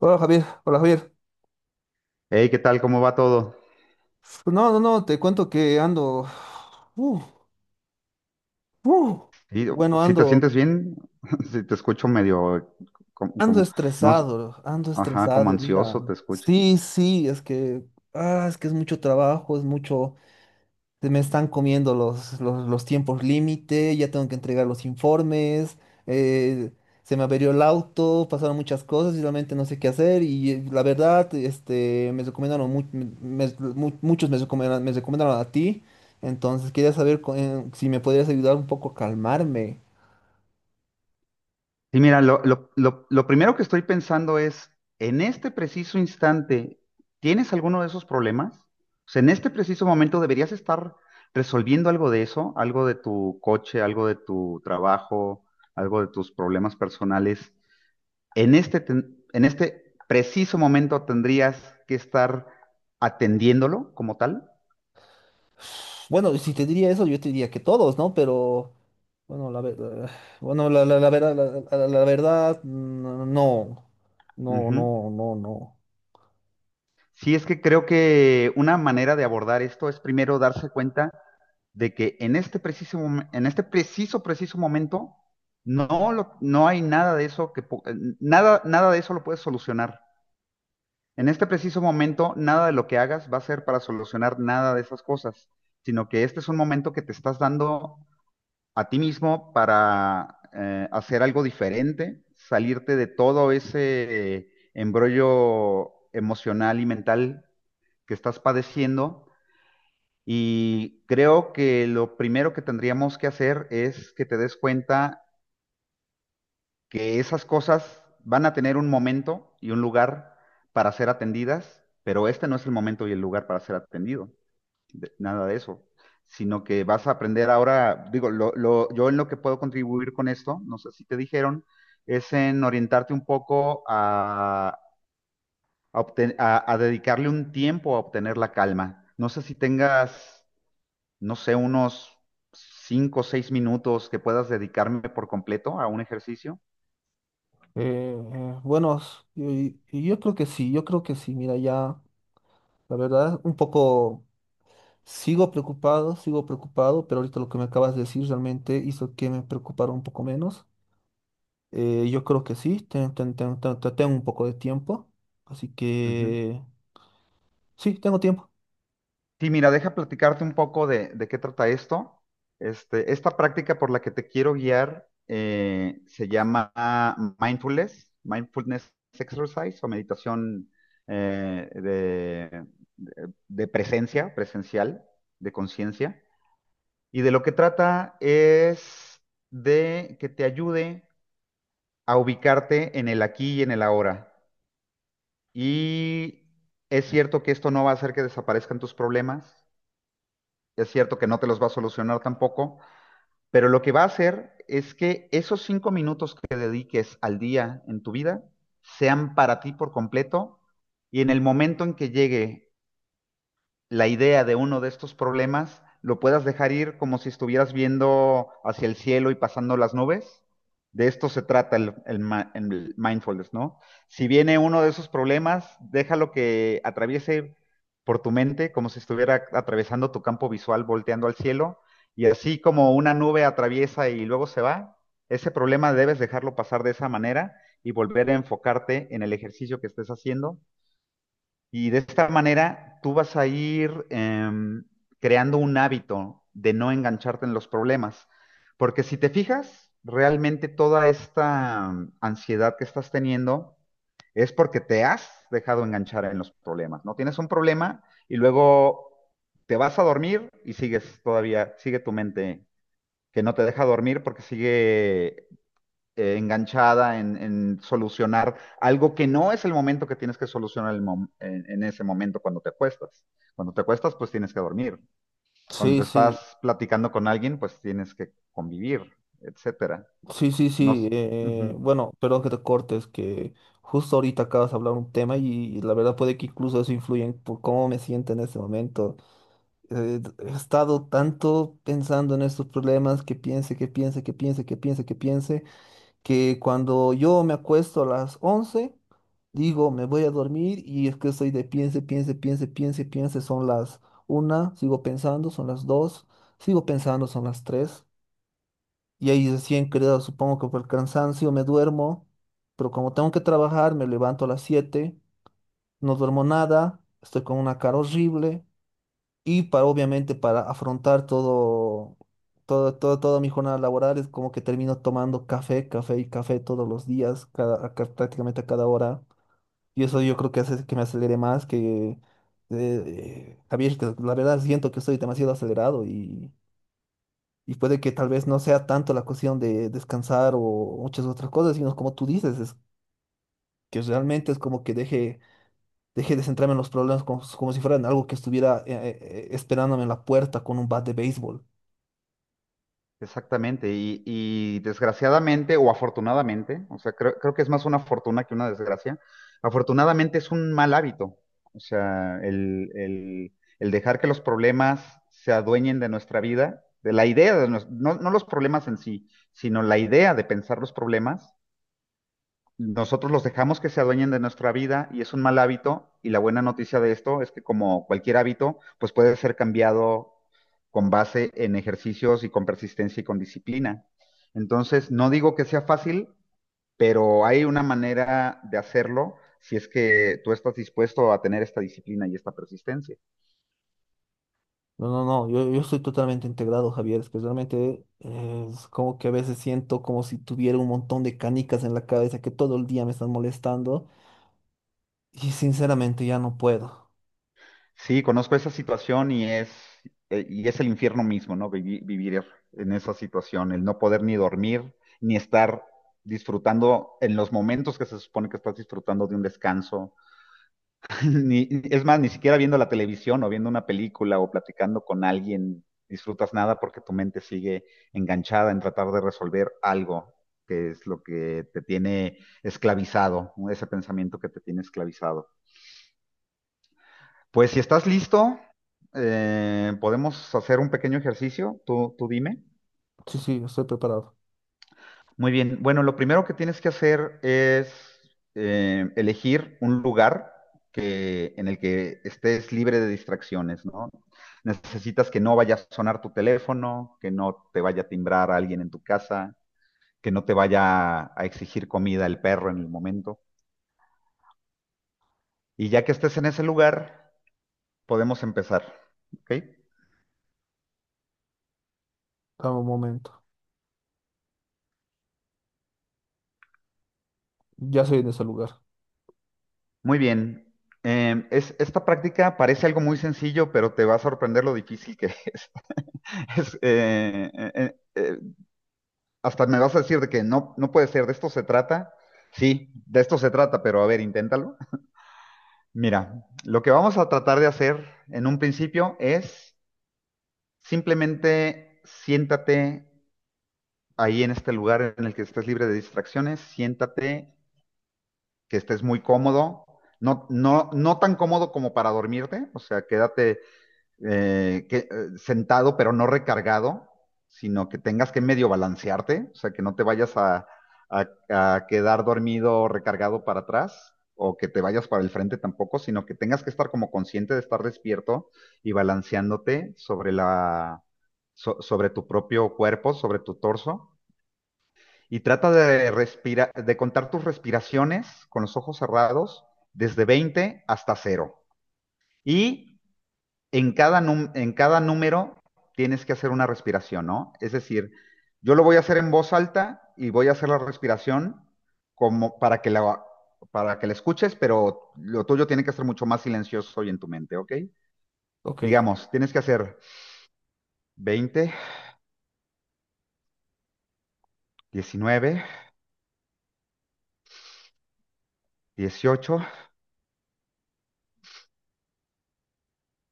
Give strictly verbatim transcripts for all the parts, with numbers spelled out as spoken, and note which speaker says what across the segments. Speaker 1: Hola Javier, hola Javier.
Speaker 2: Hey, ¿qué tal? ¿Cómo va todo?
Speaker 1: No, no, no, te cuento que ando, uh, uh,
Speaker 2: Sí,
Speaker 1: bueno,
Speaker 2: si te
Speaker 1: ando,
Speaker 2: sientes bien, si te escucho medio como,
Speaker 1: ando
Speaker 2: como- no, s-
Speaker 1: estresado, ando
Speaker 2: ajá, como
Speaker 1: estresado, mira.
Speaker 2: ansioso te escucho.
Speaker 1: Sí, sí, es que, ah, es que es mucho trabajo, es mucho, se me están comiendo los, los, los tiempos límite, ya tengo que entregar los informes, eh, se me averió el auto, pasaron muchas cosas y realmente no sé qué hacer y eh, la verdad, este, me recomendaron, mu- me- mu- muchos me recomendaron, me recomendaron a ti, entonces quería saber co- eh, si me podrías ayudar un poco a calmarme.
Speaker 2: Sí, mira, lo, lo, lo, lo primero que estoy pensando es, en este preciso instante, ¿tienes alguno de esos problemas? O sea, en este preciso momento deberías estar resolviendo algo de eso, algo de tu coche, algo de tu trabajo, algo de tus problemas personales. En este, ten- en este preciso momento tendrías que estar atendiéndolo como tal.
Speaker 1: Bueno, si te diría eso, yo te diría que todos, ¿no? Pero, bueno, la, verdad bueno, la, la, la verdad, la, la- la verdad, no, no,
Speaker 2: Ujú.
Speaker 1: no, no, no.
Speaker 2: Sí, es que creo que una manera de abordar esto es primero darse cuenta de que en este preciso, mom- en este preciso, preciso momento no, lo- no hay nada de eso que, po- nada, nada de eso lo puedes solucionar. En este preciso momento, nada de lo que hagas va a ser para solucionar nada de esas cosas, sino que este es un momento que te estás dando a ti mismo para eh, hacer algo diferente, salirte de todo ese eh, embrollo emocional y mental que estás padeciendo. Y creo que lo primero que tendríamos que hacer es que te des cuenta que esas cosas van a tener un momento y un lugar para ser atendidas, pero este no es el momento y el lugar para ser atendido de- nada de eso, sino que vas a aprender ahora, digo, lo, lo- yo en lo que puedo contribuir con esto, no sé si te dijeron, es en orientarte un poco a, a obten- a- a dedicarle un tiempo a obtener la calma. No sé si tengas, no sé, unos cinco o seis minutos que puedas dedicarme por completo a un ejercicio.
Speaker 1: Eh, eh, bueno, s- y- y yo, creo que sí, yo creo que sí. Mira, ya, la verdad, un poco sigo preocupado, sigo preocupado, pero ahorita lo que me acabas de decir realmente hizo que me preocupara un poco menos. Eh, yo creo que sí, ten- ten- ten- ten- ten- tengo un poco de tiempo, así que sí, tengo tiempo.
Speaker 2: Sí, mira, deja platicarte un poco de, de qué trata esto. Este, esta práctica por la que te quiero guiar eh, se llama mindfulness, mindfulness exercise o meditación eh, de, de- de presencia, presencial, de conciencia. Y de lo que trata es de que te ayude a ubicarte en el aquí y en el ahora. Y es cierto que esto no va a hacer que desaparezcan tus problemas. Es cierto que no te los va a solucionar tampoco, pero lo que va a hacer es que esos cinco minutos que dediques al día en tu vida sean para ti por completo y en el momento en que llegue la idea de uno de estos problemas lo puedas dejar ir como si estuvieras viendo hacia el cielo y pasando las nubes. De esto se trata el, el el mindfulness, ¿no? Si viene uno de esos problemas, déjalo que atraviese por tu mente como si estuviera atravesando tu campo visual, volteando al cielo, y así como una nube atraviesa y luego se va, ese problema debes dejarlo pasar de esa manera y volver a enfocarte en el ejercicio que estés haciendo y de esta manera tú vas a ir em, creando un hábito de no engancharte en los problemas. Porque si te fijas, realmente toda esta mm, ansiedad que estás teniendo es porque te has dejado enganchar en los problemas, ¿no? Tienes un problema y luego te vas a dormir y sigues todavía, sigue tu mente que no te deja dormir porque sigue eh, enganchada en, en, solucionar algo que no es el momento que tienes que solucionar el mom- en, en ese momento cuando te acuestas. Cuando te acuestas, pues tienes que dormir.
Speaker 1: Sí,
Speaker 2: Cuando
Speaker 1: sí,
Speaker 2: estás platicando con alguien, pues tienes que convivir, etcétera.
Speaker 1: sí, sí,
Speaker 2: No, s-
Speaker 1: sí. Eh,
Speaker 2: Ujú.
Speaker 1: bueno, perdón que te cortes, que justo ahorita acabas de hablar un tema y, la verdad puede que incluso eso influya en por cómo me siento en este momento. Eh, he estado tanto pensando en estos problemas que piense, que piense, que piense, que piense, que piense, que cuando yo me acuesto a las once digo, me voy a dormir y es que estoy de piense, piense, piense, piense, piense, son las una sigo pensando, son las dos sigo pensando, son las tres y ahí recién creo, supongo que por el cansancio me duermo, pero como tengo que trabajar, me levanto a las siete, no duermo nada, estoy con una cara horrible. Y para, obviamente, para afrontar todo, todo, todo, toda mi jornada laboral, es como que termino tomando café, café y café todos los días, cada, a ca- prácticamente a cada hora. Y eso yo creo que hace que me acelere más, que, eh, Javier, que la verdad siento que estoy demasiado acelerado y, y puede que tal vez no sea tanto la cuestión de descansar o muchas otras cosas, sino como tú dices, es que realmente es como que deje, deje de centrarme en los problemas como, como si fueran algo que estuviera eh, eh, eh, esperándome en la puerta con un bat de béisbol.
Speaker 2: Exactamente, y, y desgraciadamente o afortunadamente, o sea, creo, creo que es más una fortuna que una desgracia, afortunadamente es un mal hábito, o sea, el, el- el dejar que los problemas se adueñen de nuestra vida, de la idea, de nues- no, no los problemas en sí, sino la idea de pensar los problemas, nosotros los dejamos que se adueñen de nuestra vida y es un mal hábito y la buena noticia de esto es que como cualquier hábito, pues puede ser cambiado con base en ejercicios y con persistencia y con disciplina. Entonces, no digo que sea fácil, pero hay una manera de hacerlo si es que tú estás dispuesto a tener esta disciplina y esta persistencia.
Speaker 1: No, no, no, yo, yo estoy totalmente integrado, Javier, es que realmente eh, es como que a veces siento como si tuviera un montón de canicas en la cabeza que todo el día me están molestando y sinceramente ya no puedo.
Speaker 2: Sí, conozco esa situación y es, eh, y es el infierno mismo, ¿no? Vivi- Vivir, en esa situación, el no poder ni dormir, ni estar disfrutando en los momentos que se supone que estás disfrutando de un descanso. Ni, es más, ni siquiera viendo la televisión o viendo una película o platicando con alguien disfrutas nada porque tu mente sigue enganchada en tratar de resolver algo, que es lo que te tiene esclavizado, ese pensamiento que te tiene esclavizado. Pues si estás listo, eh, podemos hacer un pequeño ejercicio. Tú, tú dime.
Speaker 1: Sí, sí, estoy preparado.
Speaker 2: Muy bien. Bueno, lo primero que tienes que hacer es eh, elegir un lugar que, en el que estés libre de distracciones, ¿no? Necesitas que no vaya a sonar tu teléfono, que no te vaya a timbrar alguien en tu casa, que no te vaya a exigir comida el perro en el momento. Y ya que estés en ese lugar, podemos empezar. ¿Ok?
Speaker 1: Dame un momento. Ya soy en ese lugar.
Speaker 2: Muy bien. Em, es, esta práctica parece algo muy sencillo, pero te va a sorprender lo difícil que es. Es, eh, eh, eh, eh, hasta me vas a decir de que no, no puede ser, de esto se trata. Sí, de esto se trata, pero a ver, inténtalo. Mira, lo que vamos a tratar de hacer en un principio es simplemente siéntate ahí en este lugar en el que estés libre de distracciones, siéntate, que estés muy cómodo, no, no, no tan cómodo como para dormirte, o sea, quédate eh, que, eh, sentado pero no recargado, sino que tengas que medio balancearte, o sea, que no te vayas a, a, a quedar dormido recargado para atrás o que te vayas para el frente tampoco, sino que tengas que estar como consciente de estar despierto y balanceándote sobre la, so- sobre tu propio cuerpo, sobre tu torso. Y trata de respirar, de contar tus respiraciones con los ojos cerrados desde veinte hasta cero. Y en cada, num- en cada número tienes que hacer una respiración, ¿no? Es decir, yo lo voy a hacer en voz alta y voy a hacer la respiración como para que la, para que la escuches, pero lo tuyo tiene que ser mucho más silencioso y en tu mente, ¿ok?
Speaker 1: Ok.
Speaker 2: Digamos, tienes que hacer veinte, diecinueve, dieciocho,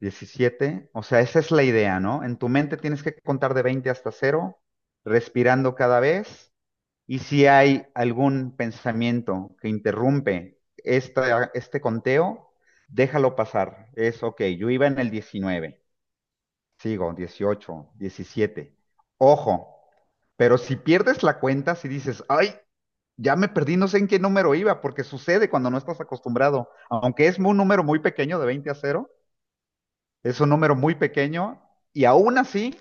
Speaker 2: diecisiete, o sea, esa es la idea, ¿no? En tu mente tienes que contar de veinte hasta cero, respirando cada vez. Y si hay algún pensamiento que interrumpe esta- este conteo, déjalo pasar. Es ok, yo iba en el diecinueve, sigo, dieciocho, diecisiete. Ojo, pero si pierdes la cuenta, si dices, ay, ya me perdí, no sé en qué número iba, porque sucede cuando no estás acostumbrado. Aunque es un número muy pequeño, de veinte a cero, es un número muy pequeño, y aún así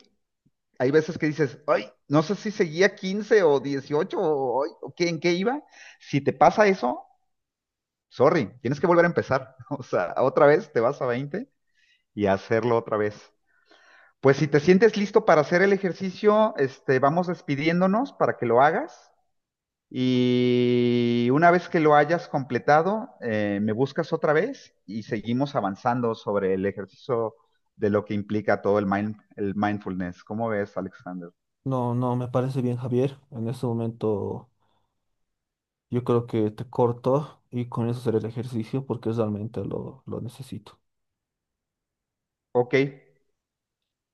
Speaker 2: hay veces que dices, ay, no sé si seguía quince o dieciocho o, ay, o qué, en qué iba. Si te pasa eso, sorry, tienes que volver a empezar. O sea, otra vez te vas a veinte y a hacerlo otra vez. Pues si te sientes listo para hacer el ejercicio, este, vamos despidiéndonos para que lo hagas. Y una vez que lo hayas completado, eh, me buscas otra vez y seguimos avanzando sobre el ejercicio de lo que implica todo el, mind, el mindfulness. ¿Cómo ves, Alexander?
Speaker 1: No, no, me parece bien, Javier. En este momento yo creo que te corto y con eso será el ejercicio porque realmente lo, lo necesito.
Speaker 2: Ok,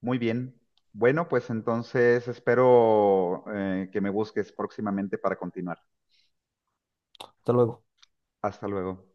Speaker 2: muy bien. Bueno, pues entonces espero eh, que me busques próximamente para continuar.
Speaker 1: Hasta luego.
Speaker 2: Hasta luego.